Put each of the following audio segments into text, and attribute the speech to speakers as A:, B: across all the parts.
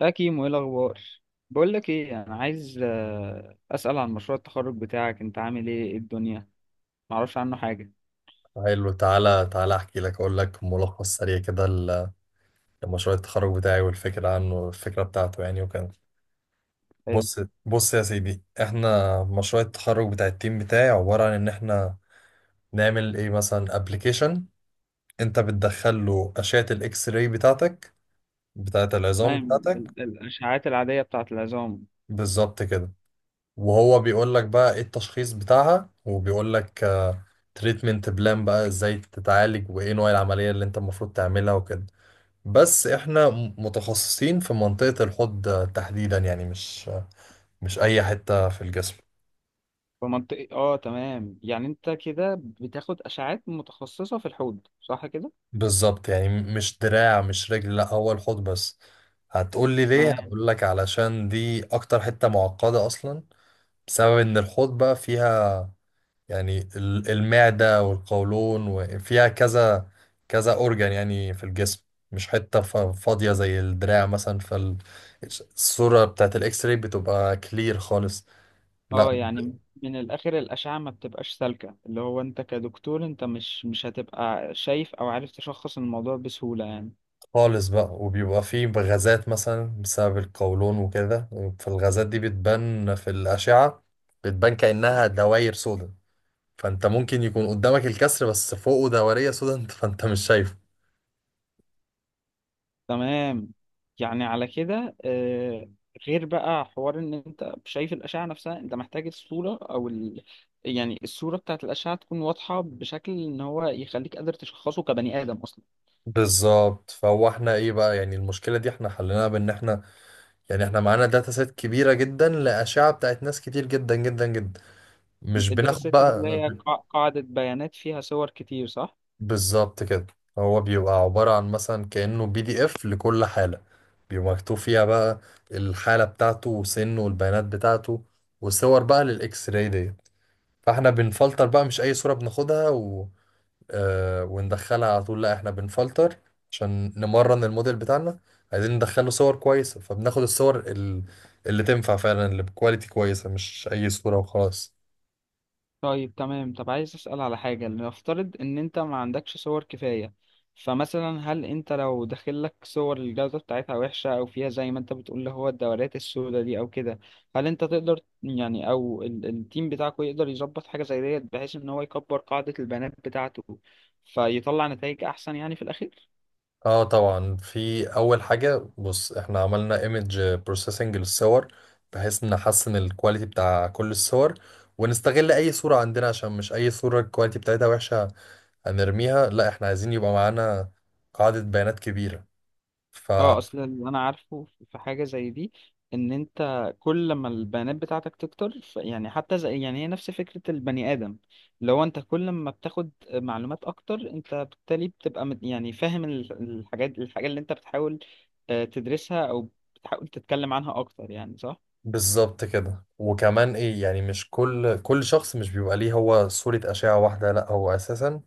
A: يا كيمو، ايه الاخبار؟ بقول لك ايه، انا عايز اسال عن مشروع التخرج بتاعك. انت عامل ايه؟ إيه الدنيا؟ ما اعرفش عنه حاجه.
B: حلو، تعالى احكي لك، اقول لك ملخص سريع كده لمشروع التخرج بتاعي والفكره عنه، الفكره بتاعته يعني وكده.
A: حلو.
B: بص بص يا سيدي، احنا مشروع التخرج بتاع التيم بتاعي عباره عن ان احنا نعمل ايه، مثلا ابلكيشن انت بتدخل له اشعه الاكس راي بتاعتك، بتاعه العظام
A: تمام.
B: بتاعتك.
A: الاشعاعات العاديه بتاعه العظام.
B: بالظبط كده. وهو بيقول لك بقى ايه التشخيص بتاعها، وبيقول لك تريتمنت بلان بقى، ازاي تتعالج وايه نوع العمليه اللي انت المفروض تعملها وكده. بس احنا متخصصين في منطقة الحوض تحديدا، يعني مش اي حتة في الجسم.
A: في منطقه، اه، تمام. يعني انت كده بتاخد اشعاعات متخصصه في الحوض، صح كده؟
B: بالظبط، يعني مش دراع، مش رجل، لا، هو الحوض بس. هتقول لي ليه؟
A: تمام.
B: هقول لك، علشان دي اكتر حتة معقدة اصلا. بسبب ان الحوض بقى فيها يعني المعدة والقولون، وفيها كذا اورجان يعني في الجسم، مش حتة فاضية زي الدراع مثلا. فالصورة بتاعت الاكس راي بتبقى كلير خالص، لا،
A: اه، يعني من الاخر الاشعه ما بتبقاش سالكه، اللي هو انت كدكتور انت مش هتبقى شايف او عارف تشخص الموضوع بسهوله يعني.
B: خالص بقى. وبيبقى فيه غازات مثلا بسبب القولون وكده، فالغازات دي بتبان في الأشعة، بتبان كأنها دواير سودا. فأنت ممكن يكون قدامك الكسر بس فوقه دورية سودا، فأنت مش شايفه.
A: تمام. يعني على كده، غير بقى حوار ان انت شايف الاشعه نفسها، انت محتاج الصوره او يعني الصوره بتاعت الاشعه تكون واضحه بشكل ان هو يخليك قادر تشخصه كبني ادم اصلا.
B: بالظبط. فهو احنا ايه بقى يعني، المشكلة دي احنا حليناها بان احنا يعني احنا معانا داتا سيت كبيرة جدا لأشعة بتاعت ناس كتير جدا جدا جدا، مش
A: الداتا
B: بناخد
A: سيت دي اللي
B: بقى
A: هي قاعده بيانات فيها صور كتير، صح؟
B: بالظبط كده. هو بيبقى عبارة عن مثلا كأنه بي دي اف لكل حالة، بيبقى مكتوب فيها بقى الحالة بتاعته وسنه والبيانات بتاعته وصور بقى للإكس راي دي. فاحنا بنفلتر بقى، مش أي صورة بناخدها و... آه وندخلها على طول، لا، احنا بنفلتر عشان نمرن الموديل بتاعنا. عايزين ندخله صور كويسة، فبناخد الصور اللي تنفع فعلا، اللي بكواليتي كويسة، مش أي صورة وخلاص.
A: طيب، تمام. طب عايز أسأل على حاجة. نفترض إن أنت ما عندكش صور كفاية. فمثلا، هل أنت لو داخلك صور الجودة بتاعتها وحشة أو فيها زي ما أنت بتقول اللي هو الدورات السوداء دي أو كده، هل أنت تقدر يعني، أو التيم بتاعكوا يقدر يظبط حاجة زي ديت، بحيث إن هو يكبر قاعدة البيانات بتاعته فيطلع نتائج أحسن يعني في الأخير؟
B: اه طبعا. في اول حاجه بص، احنا عملنا ايمج بروسيسنج للصور بحيث نحسن الكواليتي بتاع كل الصور، ونستغل اي صوره عندنا، عشان مش اي صوره الكواليتي بتاعتها وحشه هنرميها، لا، احنا عايزين يبقى معانا قاعده بيانات كبيره.
A: اه، اصل اللي انا عارفه في حاجه زي دي، ان انت كل ما البيانات بتاعتك تكتر، يعني حتى زي يعني هي نفس فكره البني ادم. لو انت كل ما بتاخد معلومات اكتر، انت بالتالي بتبقى يعني فاهم ال- الحاجات الحاجه اللي انت بتحاول تدرسها او بتحاول تتكلم عنها اكتر يعني، صح؟
B: فبالظبط كده. وكمان ايه يعني، مش كل شخص مش بيبقى ليه هو صوره اشعه واحده، لا هو اساسا،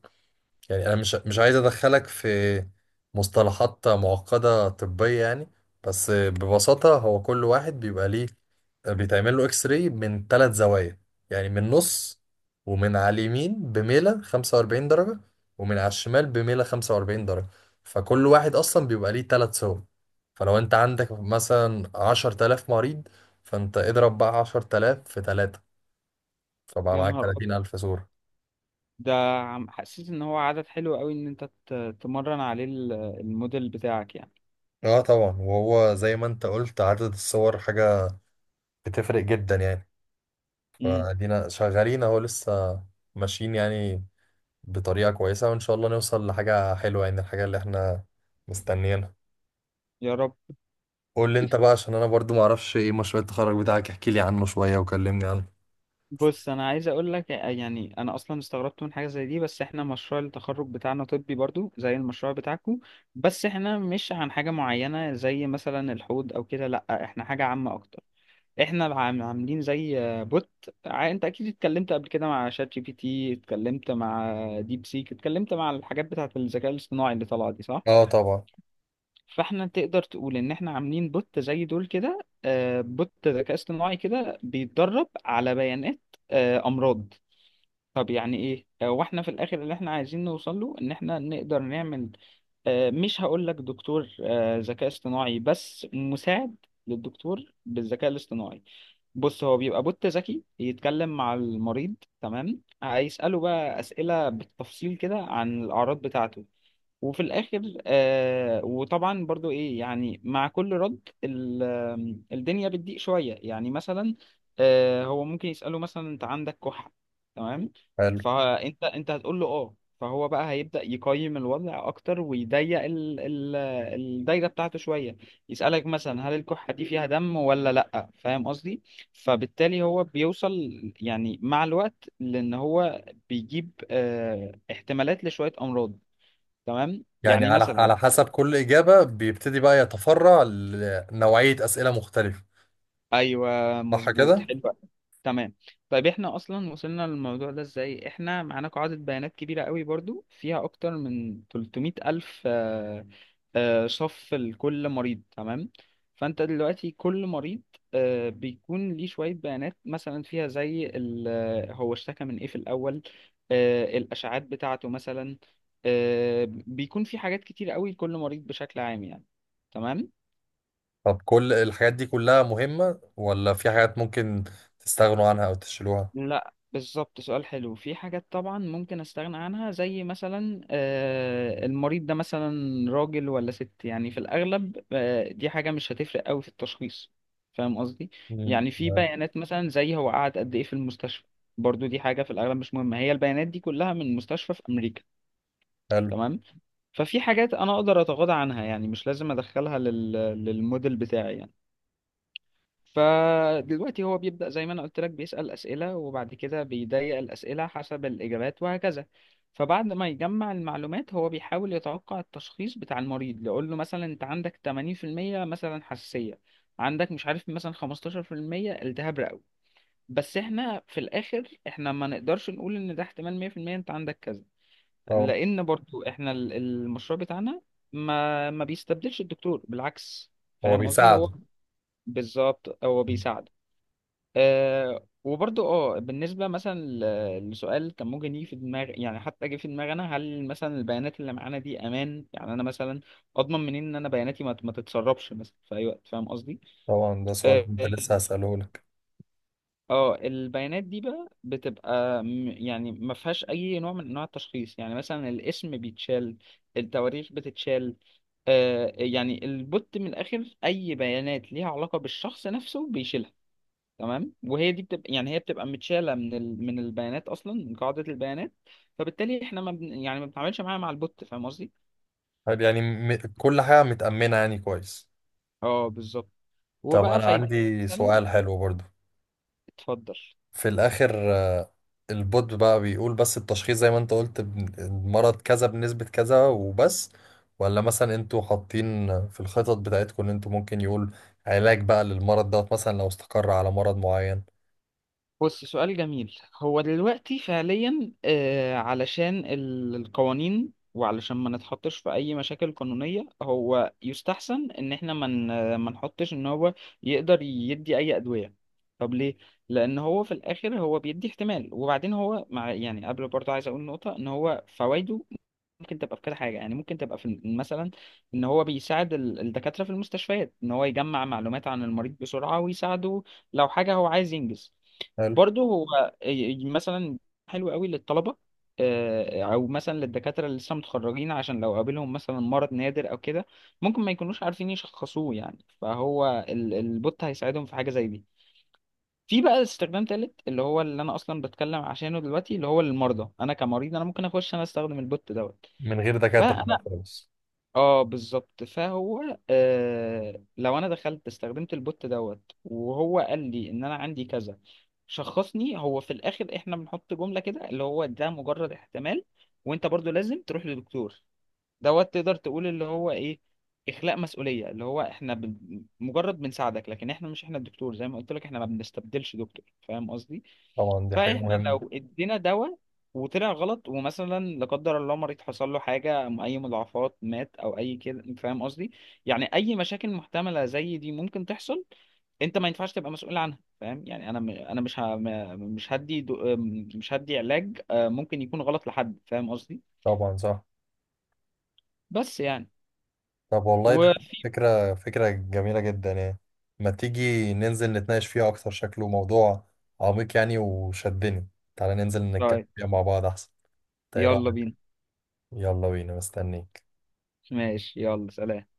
B: يعني انا مش عايز ادخلك في مصطلحات معقدة طبية يعني، بس ببساطة هو كل واحد بيبقى ليه، بيتعمل له اكس راي من ثلاث زوايا، يعني من النص، ومن على اليمين بميلة 45 درجة، ومن على الشمال بميلة 45 درجة. فكل واحد اصلا بيبقى ليه ثلاث صور، فلو انت عندك مثلا 10,000 مريض، فانت اضرب بقى 10,000 في 3، فبقى
A: يا
B: معاك
A: نهار ابيض!
B: 30,000 صورة.
A: ده حسيت ان هو عدد حلو قوي ان انت تمرن عليه الموديل بتاعك يعني.
B: اه طبعا، وهو زي ما انت قلت عدد الصور حاجة بتفرق جدا يعني.
A: امم.
B: فادينا شغالين اهو لسه، ماشيين يعني بطريقة كويسة، وان شاء الله نوصل لحاجة حلوة، يعني الحاجة اللي احنا مستنيينها.
A: يا رب.
B: قول لي انت بقى، عشان انا برضو معرفش ايه مشروع التخرج بتاعك، احكي لي عنه شوية وكلمني عنه.
A: بص، انا عايز اقول لك يعني انا اصلا استغربت من حاجه زي دي، بس احنا مشروع التخرج بتاعنا طبي برضو زي المشروع بتاعكو. بس احنا مش عن حاجه معينه زي مثلا الحوض او كده، لا احنا حاجه عامه اكتر. احنا عاملين زي بوت. انت اكيد اتكلمت قبل كده مع شات جي بي تي، اتكلمت مع ديب سيك، اتكلمت مع الحاجات بتاعه الذكاء الاصطناعي اللي طالعه دي، صح؟
B: اه طبعا.
A: فاحنا تقدر تقول ان احنا عاملين بوت زي دول كده. بوت ذكاء اصطناعي كده بيتدرب على بيانات امراض. طب يعني ايه، واحنا في الاخر اللي احنا عايزين نوصل له ان احنا نقدر نعمل مش هقول لك دكتور ذكاء اصطناعي، بس مساعد للدكتور بالذكاء الاصطناعي. بص، هو بيبقى بوت ذكي يتكلم مع المريض. تمام. هيسأله بقى أسئلة بالتفصيل كده عن الأعراض بتاعته. وفي الاخر وطبعا برضو ايه يعني، مع كل رد ال- آم، الدنيا بتضيق شويه يعني، مثلا هو ممكن يساله مثلا، انت عندك كحه؟ تمام.
B: حلو.
A: فانت هتقول له اه، فهو بقى هيبدا يقيم الوضع اكتر ويضيق ال الدايره بتاعته شويه. يسالك مثلا، هل الكحه دي فيها دم ولا لا، فاهم قصدي؟ فبالتالي هو بيوصل يعني مع الوقت، لان هو بيجيب احتمالات لشويه امراض. تمام،
B: يعني
A: يعني
B: على على
A: مثلا.
B: حسب كل إجابة بيبتدي بقى يتفرع لنوعية أسئلة مختلفة،
A: ايوه.
B: صح
A: مظبوط.
B: كده؟
A: حلو أوي. تمام. طيب، احنا اصلا وصلنا للموضوع ده ازاي؟ احنا معانا قاعدة بيانات كبيرة قوي برضو فيها اكتر من 300 الف صف لكل مريض. تمام. فانت دلوقتي كل مريض بيكون ليه شوية بيانات مثلا فيها زي هو اشتكى من ايه في الاول، الاشعاعات بتاعته مثلا. بيكون في حاجات كتير قوي لكل مريض بشكل عام يعني. تمام.
B: طب كل الحاجات دي كلها مهمة، ولا في حاجات ممكن تستغنوا عنها أو تشيلوها؟
A: لا بالظبط، سؤال حلو. في حاجات طبعا ممكن استغنى عنها، زي مثلا المريض ده مثلا راجل ولا ست، يعني في الاغلب دي حاجة مش هتفرق قوي في التشخيص، فاهم قصدي؟
B: مم.
A: يعني في بيانات مثلا زي هو قعد قد ايه في المستشفى. برضو دي حاجة في الاغلب مش مهمة. هي البيانات دي كلها من مستشفى في امريكا.
B: حلو.
A: تمام. ففي حاجات انا اقدر اتغاضى عنها يعني، مش لازم ادخلها للموديل بتاعي يعني. فدلوقتي هو بيبدأ زي ما انا قلت لك، بيسأل أسئلة وبعد كده بيضيق الأسئلة حسب الإجابات، وهكذا. فبعد ما يجمع المعلومات هو بيحاول يتوقع التشخيص بتاع المريض. يقول له مثلا انت عندك 80% مثلا حساسية، عندك مش عارف مثلا 15% التهاب رئوي. بس احنا في الاخر، احنا ما نقدرش نقول ان ده احتمال 100% انت عندك كذا.
B: طبعا.
A: لان برضو احنا المشروع بتاعنا ما بيستبدلش الدكتور، بالعكس.
B: هو
A: فاهم قصدي؟ هو
B: بيساعدوا.
A: بالظبط هو بيساعد. وبرضو بالنسبة مثلا لسؤال كان ممكن يجي في دماغ، يعني حتى جه في دماغي انا، هل مثلا البيانات اللي معانا دي امان؟ يعني انا مثلا اضمن منين ان انا بياناتي ما تتسربش مثلا في اي وقت، فاهم قصدي؟
B: طبعا، ده سؤال
A: اه.
B: كنت لسه هسأله لك.
A: البيانات دي بقى بتبقى يعني ما فيهاش اي نوع من انواع التشخيص. يعني مثلا الاسم بيتشال، التواريخ بتتشال. يعني البوت من الاخر اي بيانات ليها علاقة بالشخص نفسه بيشيلها. تمام. وهي دي بتبقى يعني، هي بتبقى متشاله من البيانات، اصلا من قاعده البيانات. فبالتالي احنا ما بن... يعني ما بنتعاملش معاها مع البوت، فاهم قصدي؟
B: طيب يعني كل حاجة متأمنة يعني كويس.
A: اه بالظبط.
B: طب
A: وبقى
B: أنا
A: فايد
B: عندي
A: مثلا.
B: سؤال حلو برضو.
A: اتفضل.
B: في الآخر البوت بقى بيقول بس التشخيص زي ما أنت قلت، المرض كذا بنسبة كذا وبس، ولا مثلا أنتوا حاطين في الخطط بتاعتكم إن أنتوا ممكن يقول علاج بقى للمرض دوت، مثلا لو استقر على مرض معين.
A: بص، سؤال جميل. هو دلوقتي فعليا، علشان القوانين وعلشان ما نتحطش في اي مشاكل قانونية، هو يستحسن ان احنا ما نحطش ان هو يقدر يدي اي ادوية. طب ليه؟ لان هو في الاخر هو بيدي احتمال. وبعدين هو مع يعني، قبل، برضه عايز اقول نقطة، ان هو فوائده ممكن تبقى في كذا حاجة، يعني ممكن تبقى في مثلا ان هو بيساعد الدكاترة في المستشفيات، ان هو يجمع معلومات عن المريض بسرعة ويساعده لو حاجة هو عايز ينجز.
B: حلو.
A: برضه هو مثلا حلو قوي للطلبة، او مثلا للدكاترة اللي لسه متخرجين، عشان لو قابلهم مثلا مرض نادر او كده، ممكن ما يكونوش عارفين يشخصوه، يعني فهو البوت هيساعدهم في حاجة زي دي. في بقى استخدام تالت اللي هو اللي انا اصلا بتكلم عشانه دلوقتي، اللي هو للمرضى. انا كمريض انا ممكن اخش انا استخدم البوت دوت.
B: من غير دكاترة بقى
A: فانا
B: خالص.
A: اه بالظبط، فهو لو انا دخلت استخدمت البوت دوت وهو قال لي ان انا عندي كذا، شخصني. هو في الاخر احنا بنحط جملة كده اللي هو ده مجرد احتمال، وانت برضو لازم تروح لدكتور دوت. تقدر تقول اللي هو ايه، اخلاء مسؤولية، اللي هو احنا مجرد بنساعدك، لكن احنا مش احنا الدكتور زي ما قلت لك، احنا ما بنستبدلش دكتور، فاهم قصدي؟
B: طبعا دي حاجة
A: فاحنا
B: مهمة.
A: لو ادينا دواء وطلع غلط، ومثلا لا قدر الله مريض حصل له حاجه، اي مضاعفات، مات او اي كده، انت فاهم قصدي. يعني اي مشاكل محتمله زي دي ممكن تحصل، انت ما ينفعش تبقى مسؤول عنها، فاهم؟ يعني انا انا مش ه... م- مش هدي دو... م- مش هدي علاج ممكن يكون غلط لحد، فاهم قصدي؟
B: طبعا صح.
A: بس يعني
B: طب والله ده
A: و
B: فكرة جميلة جدا يعني، ما تيجي ننزل نتناقش فيها أكتر، شكله موضوع عميق يعني وشدني، تعالى ننزل نتكلم
A: طيب.
B: فيها مع بعض أحسن. طيب.
A: يلا بينا.
B: يلا بينا مستنيك.
A: ماشي. يلا سلام.